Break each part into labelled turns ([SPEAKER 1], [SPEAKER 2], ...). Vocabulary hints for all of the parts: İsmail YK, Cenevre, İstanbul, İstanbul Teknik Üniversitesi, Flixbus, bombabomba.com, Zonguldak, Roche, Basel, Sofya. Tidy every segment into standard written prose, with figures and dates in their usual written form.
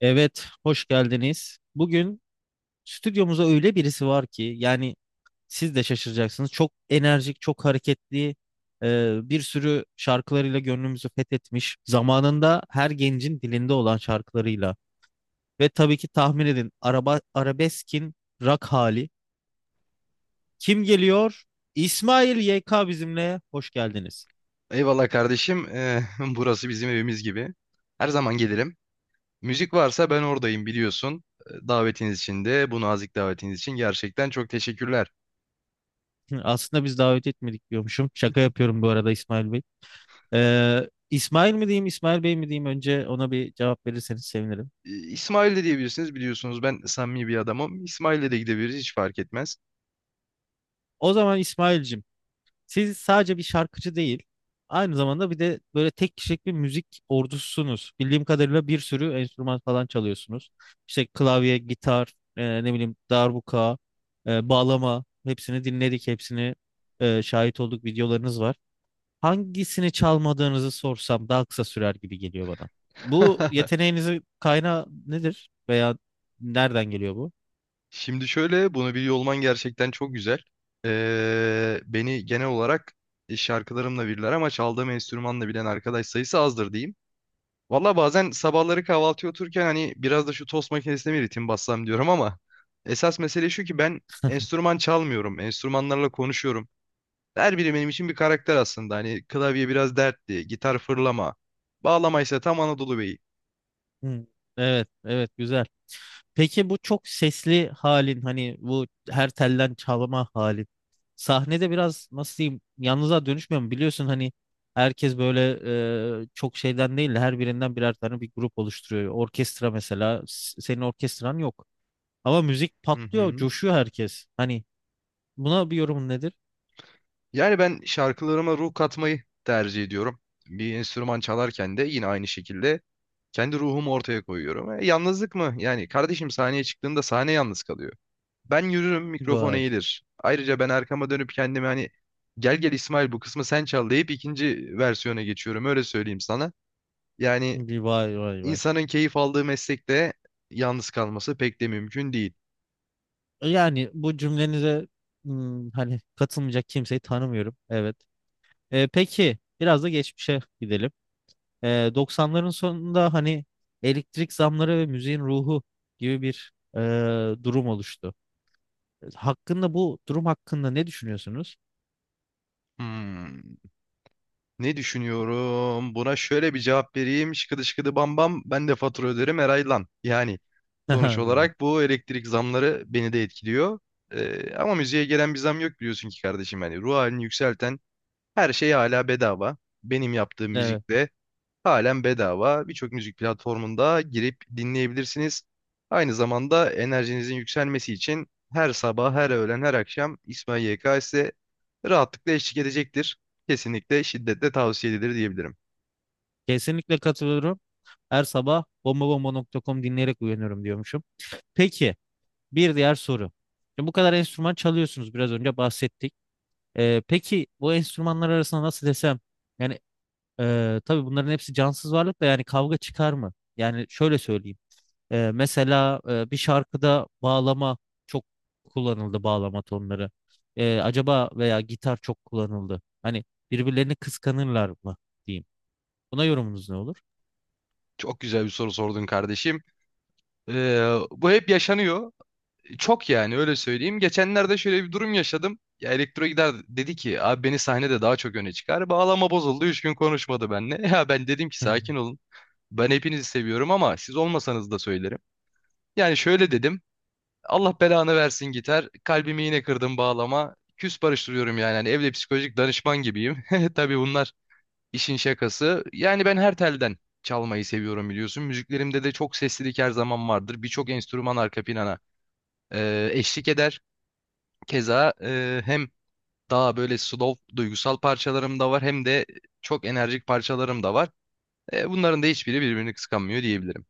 [SPEAKER 1] Evet, hoş geldiniz. Bugün stüdyomuza öyle birisi var ki, yani siz de şaşıracaksınız. Çok enerjik, çok hareketli, bir sürü şarkılarıyla gönlümüzü fethetmiş. Zamanında her gencin dilinde olan şarkılarıyla. Ve tabii ki tahmin edin, araba, arabeskin rock hali. Kim geliyor? İsmail YK bizimle. Hoş geldiniz.
[SPEAKER 2] Eyvallah kardeşim. Burası bizim evimiz gibi. Her zaman gelirim. Müzik varsa ben oradayım biliyorsun. Davetiniz için de bu nazik davetiniz için gerçekten çok teşekkürler.
[SPEAKER 1] Aslında biz davet etmedik diyormuşum. Şaka yapıyorum bu arada, İsmail Bey. İsmail mi diyeyim, İsmail Bey mi diyeyim, önce ona bir cevap verirseniz sevinirim.
[SPEAKER 2] İsmail de diyebilirsiniz biliyorsunuz, ben samimi bir adamım. İsmail'le de gidebiliriz, hiç fark etmez.
[SPEAKER 1] O zaman İsmail'cim, siz sadece bir şarkıcı değil, aynı zamanda bir de böyle tek kişilik bir müzik ordususunuz. Bildiğim kadarıyla bir sürü enstrüman falan çalıyorsunuz. İşte klavye, gitar, ne bileyim darbuka, bağlama, hepsini dinledik, hepsini şahit olduk, videolarınız var. Hangisini çalmadığınızı sorsam daha kısa sürer gibi geliyor bana. Bu yeteneğinizin kaynağı nedir? Veya nereden geliyor bu?
[SPEAKER 2] Şimdi şöyle, bunu biliyor olman gerçekten çok güzel. Beni genel olarak şarkılarımla bilirler ama çaldığım enstrümanla bilen arkadaş sayısı azdır diyeyim. Valla bazen sabahları kahvaltıya otururken hani biraz da şu tost makinesine bir ritim bassam diyorum ama esas mesele şu ki, ben enstrüman çalmıyorum. Enstrümanlarla konuşuyorum. Her biri benim için bir karakter aslında. Hani klavye biraz dertli, gitar fırlama, bağlama ise tam Anadolu Beyi.
[SPEAKER 1] Hmm. Evet, evet, güzel. Peki bu çok sesli halin, hani bu her telden çalma halin, sahnede biraz nasıl diyeyim, yalnızlığa dönüşmüyor mu? Biliyorsun hani, herkes böyle, çok şeyden değil de her birinden birer tane bir grup oluşturuyor. Orkestra mesela, senin orkestran yok ama müzik
[SPEAKER 2] Hı
[SPEAKER 1] patlıyor,
[SPEAKER 2] hı.
[SPEAKER 1] coşuyor herkes. Hani buna bir yorumun nedir?
[SPEAKER 2] Yani ben şarkılarıma ruh katmayı tercih ediyorum. Bir enstrüman çalarken de yine aynı şekilde kendi ruhumu ortaya koyuyorum. E, yalnızlık mı? Yani kardeşim, sahneye çıktığında sahne yalnız kalıyor. Ben yürürüm, mikrofon
[SPEAKER 1] Vay,
[SPEAKER 2] eğilir. Ayrıca ben arkama dönüp kendime hani gel gel İsmail, bu kısmı sen çal deyip ikinci versiyona geçiyorum, öyle söyleyeyim sana. Yani
[SPEAKER 1] vay vay vay.
[SPEAKER 2] insanın keyif aldığı meslekte yalnız kalması pek de mümkün değil.
[SPEAKER 1] Yani bu cümlenize, hmm, hani katılmayacak kimseyi tanımıyorum. Evet. E, peki biraz da geçmişe gidelim. E, 90'ların sonunda hani elektrik zamları ve müziğin ruhu gibi bir durum oluştu. Hakkında, bu durum hakkında ne düşünüyorsunuz?
[SPEAKER 2] Hmm, ne düşünüyorum? Buna şöyle bir cevap vereyim. Şıkıdı şıkıdı bam bam, ben de fatura öderim her lan. Yani sonuç
[SPEAKER 1] Güzel.
[SPEAKER 2] olarak bu elektrik zamları beni de etkiliyor. Ama müziğe gelen bir zam yok, biliyorsun ki kardeşim. Yani ruh halini yükselten her şey hala bedava. Benim yaptığım
[SPEAKER 1] Evet,
[SPEAKER 2] müzik de halen bedava. Birçok müzik platformunda girip dinleyebilirsiniz. Aynı zamanda enerjinizin yükselmesi için her sabah, her öğlen, her akşam İsmail YK size rahatlıkla eşlik edecektir. Kesinlikle şiddetle tavsiye edilir diyebilirim.
[SPEAKER 1] kesinlikle katılıyorum. Her sabah bombabomba.com dinleyerek uyanıyorum diyormuşum. Peki, bir diğer soru. Şimdi bu kadar enstrüman çalıyorsunuz, biraz önce bahsettik. Peki bu enstrümanlar arasında nasıl desem, yani tabii bunların hepsi cansız varlık da, yani kavga çıkar mı? Yani şöyle söyleyeyim. Mesela bir şarkıda bağlama çok kullanıldı, bağlama tonları. Acaba veya gitar çok kullanıldı. Hani birbirlerini kıskanırlar mı diyeyim. Buna yorumunuz ne olur?
[SPEAKER 2] Çok güzel bir soru sordun kardeşim. Bu hep yaşanıyor. Çok, yani öyle söyleyeyim. Geçenlerde şöyle bir durum yaşadım. Ya elektro gider dedi ki, abi beni sahnede daha çok öne çıkar. Bağlama bozuldu. Üç gün konuşmadı benimle. Ya ben dedim ki
[SPEAKER 1] Hı hı.
[SPEAKER 2] sakin olun. Ben hepinizi seviyorum ama siz olmasanız da söylerim. Yani şöyle dedim. Allah belanı versin gitar. Kalbimi yine kırdım bağlama. Küs barıştırıyorum yani. Hani evde psikolojik danışman gibiyim. Tabii bunlar işin şakası. Yani ben her telden çalmayı seviyorum biliyorsun. Müziklerimde de çok seslilik her zaman vardır. Birçok enstrüman arka plana eşlik eder. Keza hem daha böyle slow duygusal parçalarım da var hem de çok enerjik parçalarım da var. Bunların da hiçbiri birbirini kıskanmıyor diyebilirim.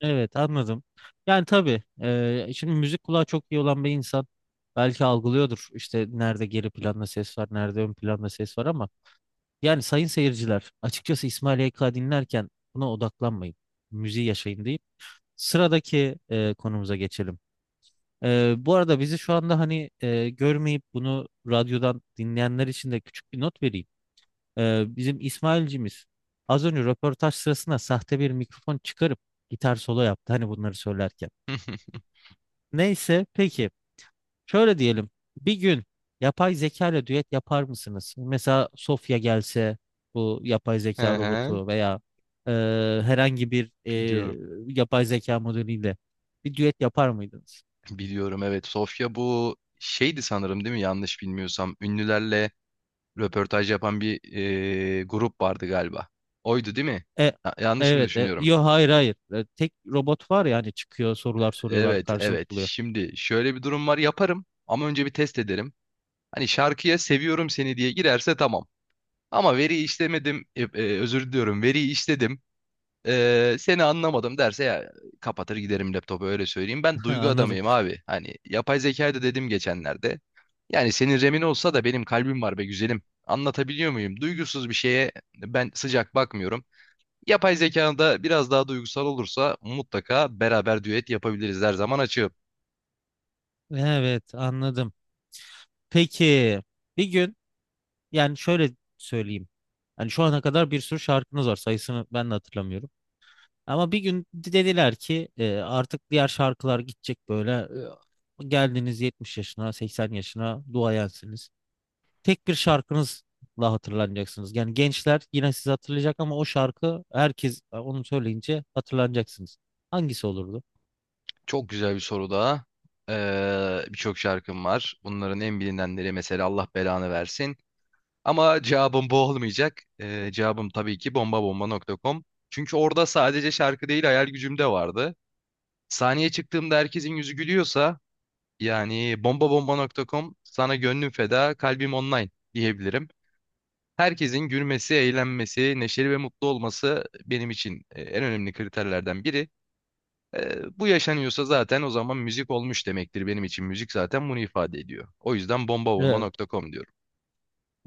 [SPEAKER 1] Evet, anladım. Yani tabii, şimdi müzik kulağı çok iyi olan bir insan belki algılıyordur, işte nerede geri planda ses var, nerede ön planda ses var, ama yani sayın seyirciler, açıkçası İsmail YK dinlerken buna odaklanmayın. Müziği yaşayın deyip sıradaki konumuza geçelim. E, bu arada bizi şu anda hani görmeyip bunu radyodan dinleyenler için de küçük bir not vereyim. E, bizim İsmail'cimiz az önce röportaj sırasında sahte bir mikrofon çıkarıp gitar solo yaptı, hani bunları söylerken. Neyse, peki, şöyle diyelim. Bir gün yapay zeka ile düet yapar mısınız? Mesela Sofya gelse, bu yapay zeka
[SPEAKER 2] Ehe,
[SPEAKER 1] robotu veya e, herhangi bir
[SPEAKER 2] biliyorum.
[SPEAKER 1] yapay zeka modeliyle bir düet yapar mıydınız?
[SPEAKER 2] Biliyorum evet. Sofya bu şeydi sanırım değil mi? Yanlış bilmiyorsam. Ünlülerle röportaj yapan bir grup vardı galiba. Oydu değil mi?
[SPEAKER 1] E,
[SPEAKER 2] Ha, yanlış mı
[SPEAKER 1] evet. E,
[SPEAKER 2] düşünüyorum?
[SPEAKER 1] yo, hayır, hayır. E, tek robot var ya, hani çıkıyor, sorular soruyorlar,
[SPEAKER 2] Evet, evet.
[SPEAKER 1] karşılık buluyor.
[SPEAKER 2] Şimdi şöyle bir durum var. Yaparım ama önce bir test ederim. Hani şarkıya seviyorum seni diye girerse tamam. Ama veriyi işlemedim, özür diliyorum, veriyi işledim, seni anlamadım derse, ya kapatır giderim laptopu, öyle söyleyeyim. Ben duygu
[SPEAKER 1] Anladım.
[SPEAKER 2] adamıyım abi. Hani yapay zekayı da dedim geçenlerde. Yani senin remin olsa da benim kalbim var be güzelim. Anlatabiliyor muyum? Duygusuz bir şeye ben sıcak bakmıyorum. Yapay zekanın da biraz daha duygusal olursa mutlaka beraber düet yapabiliriz. Her zaman açığım.
[SPEAKER 1] Evet, anladım. Peki, bir gün, yani şöyle söyleyeyim. Yani şu ana kadar bir sürü şarkınız var. Sayısını ben de hatırlamıyorum. Ama bir gün dediler ki, artık diğer şarkılar gidecek böyle. E, geldiniz 70 yaşına, 80 yaşına, duayensiniz. Tek bir şarkınızla hatırlanacaksınız. Yani gençler yine sizi hatırlayacak ama o şarkı, herkes onu söyleyince hatırlanacaksınız. Hangisi olurdu?
[SPEAKER 2] Çok güzel bir soru daha. Birçok şarkım var. Bunların en bilinenleri mesela Allah belanı versin. Ama cevabım bu olmayacak. Cevabım tabii ki bombabomba.com. Çünkü orada sadece şarkı değil hayal gücüm de vardı. Sahneye çıktığımda herkesin yüzü gülüyorsa, yani bombabomba.com sana gönlüm feda, kalbim online diyebilirim. Herkesin gülmesi, eğlenmesi, neşeli ve mutlu olması benim için en önemli kriterlerden biri. Bu yaşanıyorsa zaten o zaman müzik olmuş demektir benim için. Müzik zaten bunu ifade ediyor. O yüzden
[SPEAKER 1] Evet,
[SPEAKER 2] bombabomba.com diyorum.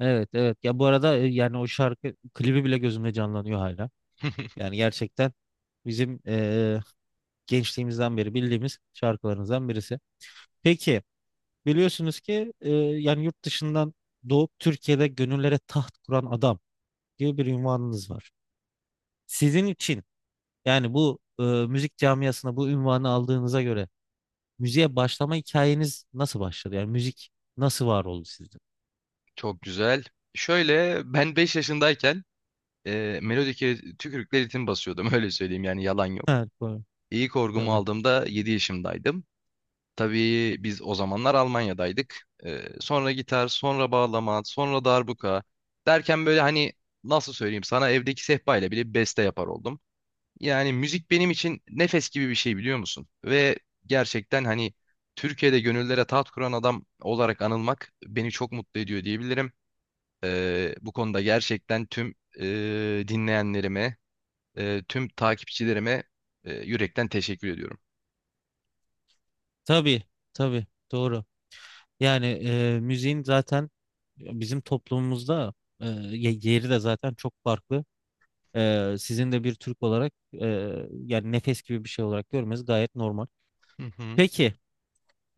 [SPEAKER 1] evet, evet. Ya bu arada yani o şarkı klibi bile gözümde canlanıyor hala. Yani gerçekten bizim gençliğimizden beri bildiğimiz şarkılarımızdan birisi. Peki, biliyorsunuz ki yani yurt dışından doğup Türkiye'de gönüllere taht kuran adam gibi bir ünvanınız var. Sizin için, yani bu müzik camiasına bu ünvanı aldığınıza göre, müziğe başlama hikayeniz nasıl başladı? Yani müzik nasıl var oldu sizde?
[SPEAKER 2] Çok güzel. Şöyle, ben 5 yaşındayken melodike tükürükle ritim basıyordum, öyle söyleyeyim, yani yalan yok.
[SPEAKER 1] Evet, doğru.
[SPEAKER 2] İlk orgumu
[SPEAKER 1] Tabii.
[SPEAKER 2] aldığımda 7 yaşındaydım. Tabii biz o zamanlar Almanya'daydık. Sonra gitar, sonra bağlama, sonra darbuka derken böyle hani nasıl söyleyeyim sana, evdeki sehpa ile bile beste yapar oldum. Yani müzik benim için nefes gibi bir şey, biliyor musun? Ve gerçekten hani Türkiye'de gönüllere taht kuran adam olarak anılmak beni çok mutlu ediyor diyebilirim. Bu konuda gerçekten tüm dinleyenlerime, tüm takipçilerime yürekten teşekkür ediyorum.
[SPEAKER 1] Tabii, tabii. Doğru. Yani müziğin zaten bizim toplumumuzda yeri de zaten çok farklı. E, sizin de bir Türk olarak, e, yani nefes gibi bir şey olarak görmeniz gayet normal.
[SPEAKER 2] Hı hı.
[SPEAKER 1] Peki,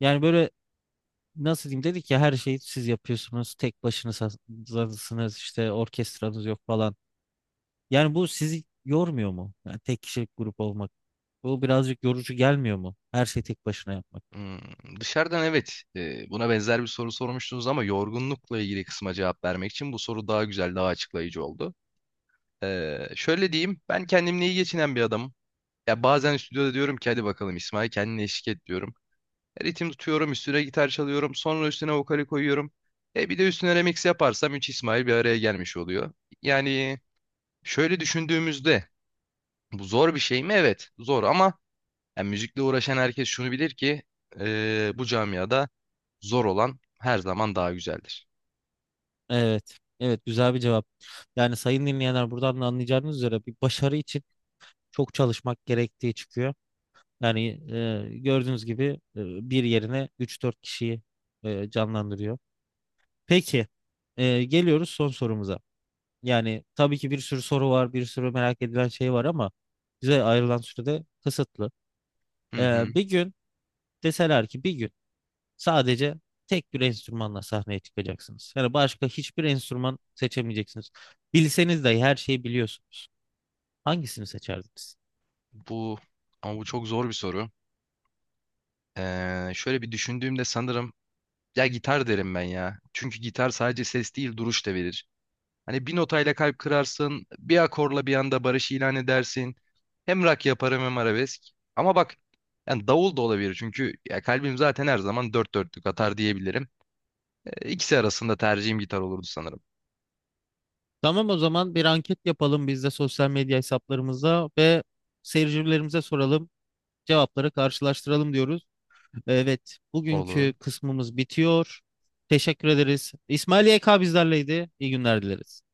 [SPEAKER 1] yani böyle, nasıl diyeyim, dedik ya her şeyi siz yapıyorsunuz. Tek başınızsınız işte, orkestranız yok falan. Yani bu sizi yormuyor mu? Yani tek kişilik grup olmak. Bu birazcık yorucu gelmiyor mu? Her şeyi tek başına yapmak.
[SPEAKER 2] Hmm, dışarıdan evet, buna benzer bir soru sormuştunuz ama yorgunlukla ilgili kısma cevap vermek için bu soru daha güzel, daha açıklayıcı oldu. Şöyle diyeyim, ben kendimle iyi geçinen bir adamım. Ya bazen stüdyoda diyorum ki, hadi bakalım İsmail kendine eşlik et diyorum. Ritim tutuyorum, üstüne gitar çalıyorum, sonra üstüne vokali koyuyorum. E bir de üstüne remix yaparsam 3 İsmail bir araya gelmiş oluyor. Yani şöyle düşündüğümüzde, bu zor bir şey mi? Evet, zor ama yani müzikle uğraşan herkes şunu bilir ki, bu camiada zor olan her zaman daha güzeldir.
[SPEAKER 1] Evet. Evet, güzel bir cevap. Yani sayın dinleyenler, buradan da anlayacağınız üzere bir başarı için çok çalışmak gerektiği çıkıyor. Yani gördüğünüz gibi bir yerine üç dört kişiyi canlandırıyor. Peki, geliyoruz son sorumuza. Yani tabii ki bir sürü soru var, bir sürü merak edilen şey var ama bize ayrılan sürede kısıtlı.
[SPEAKER 2] Hı hı.
[SPEAKER 1] Bir gün deseler ki, bir gün sadece tek bir enstrümanla sahneye çıkacaksınız. Yani başka hiçbir enstrüman seçemeyeceksiniz. Bilseniz de, her şeyi biliyorsunuz. Hangisini seçerdiniz?
[SPEAKER 2] Bu ama bu çok zor bir soru. Şöyle bir düşündüğümde sanırım, ya gitar derim ben ya. Çünkü gitar sadece ses değil, duruş da verir. Hani bir notayla kalp kırarsın, bir akorla bir anda barış ilan edersin. Hem rock yaparım hem arabesk. Ama bak, yani davul da olabilir çünkü ya kalbim zaten her zaman dört dörtlük atar diyebilirim. İkisi arasında tercihim gitar olurdu sanırım.
[SPEAKER 1] Tamam, o zaman bir anket yapalım biz de, sosyal medya hesaplarımıza ve seyircilerimize soralım. Cevapları karşılaştıralım diyoruz. Evet,
[SPEAKER 2] Olur.
[SPEAKER 1] bugünkü kısmımız bitiyor. Teşekkür ederiz. İsmail YK bizlerleydi. İyi günler dileriz.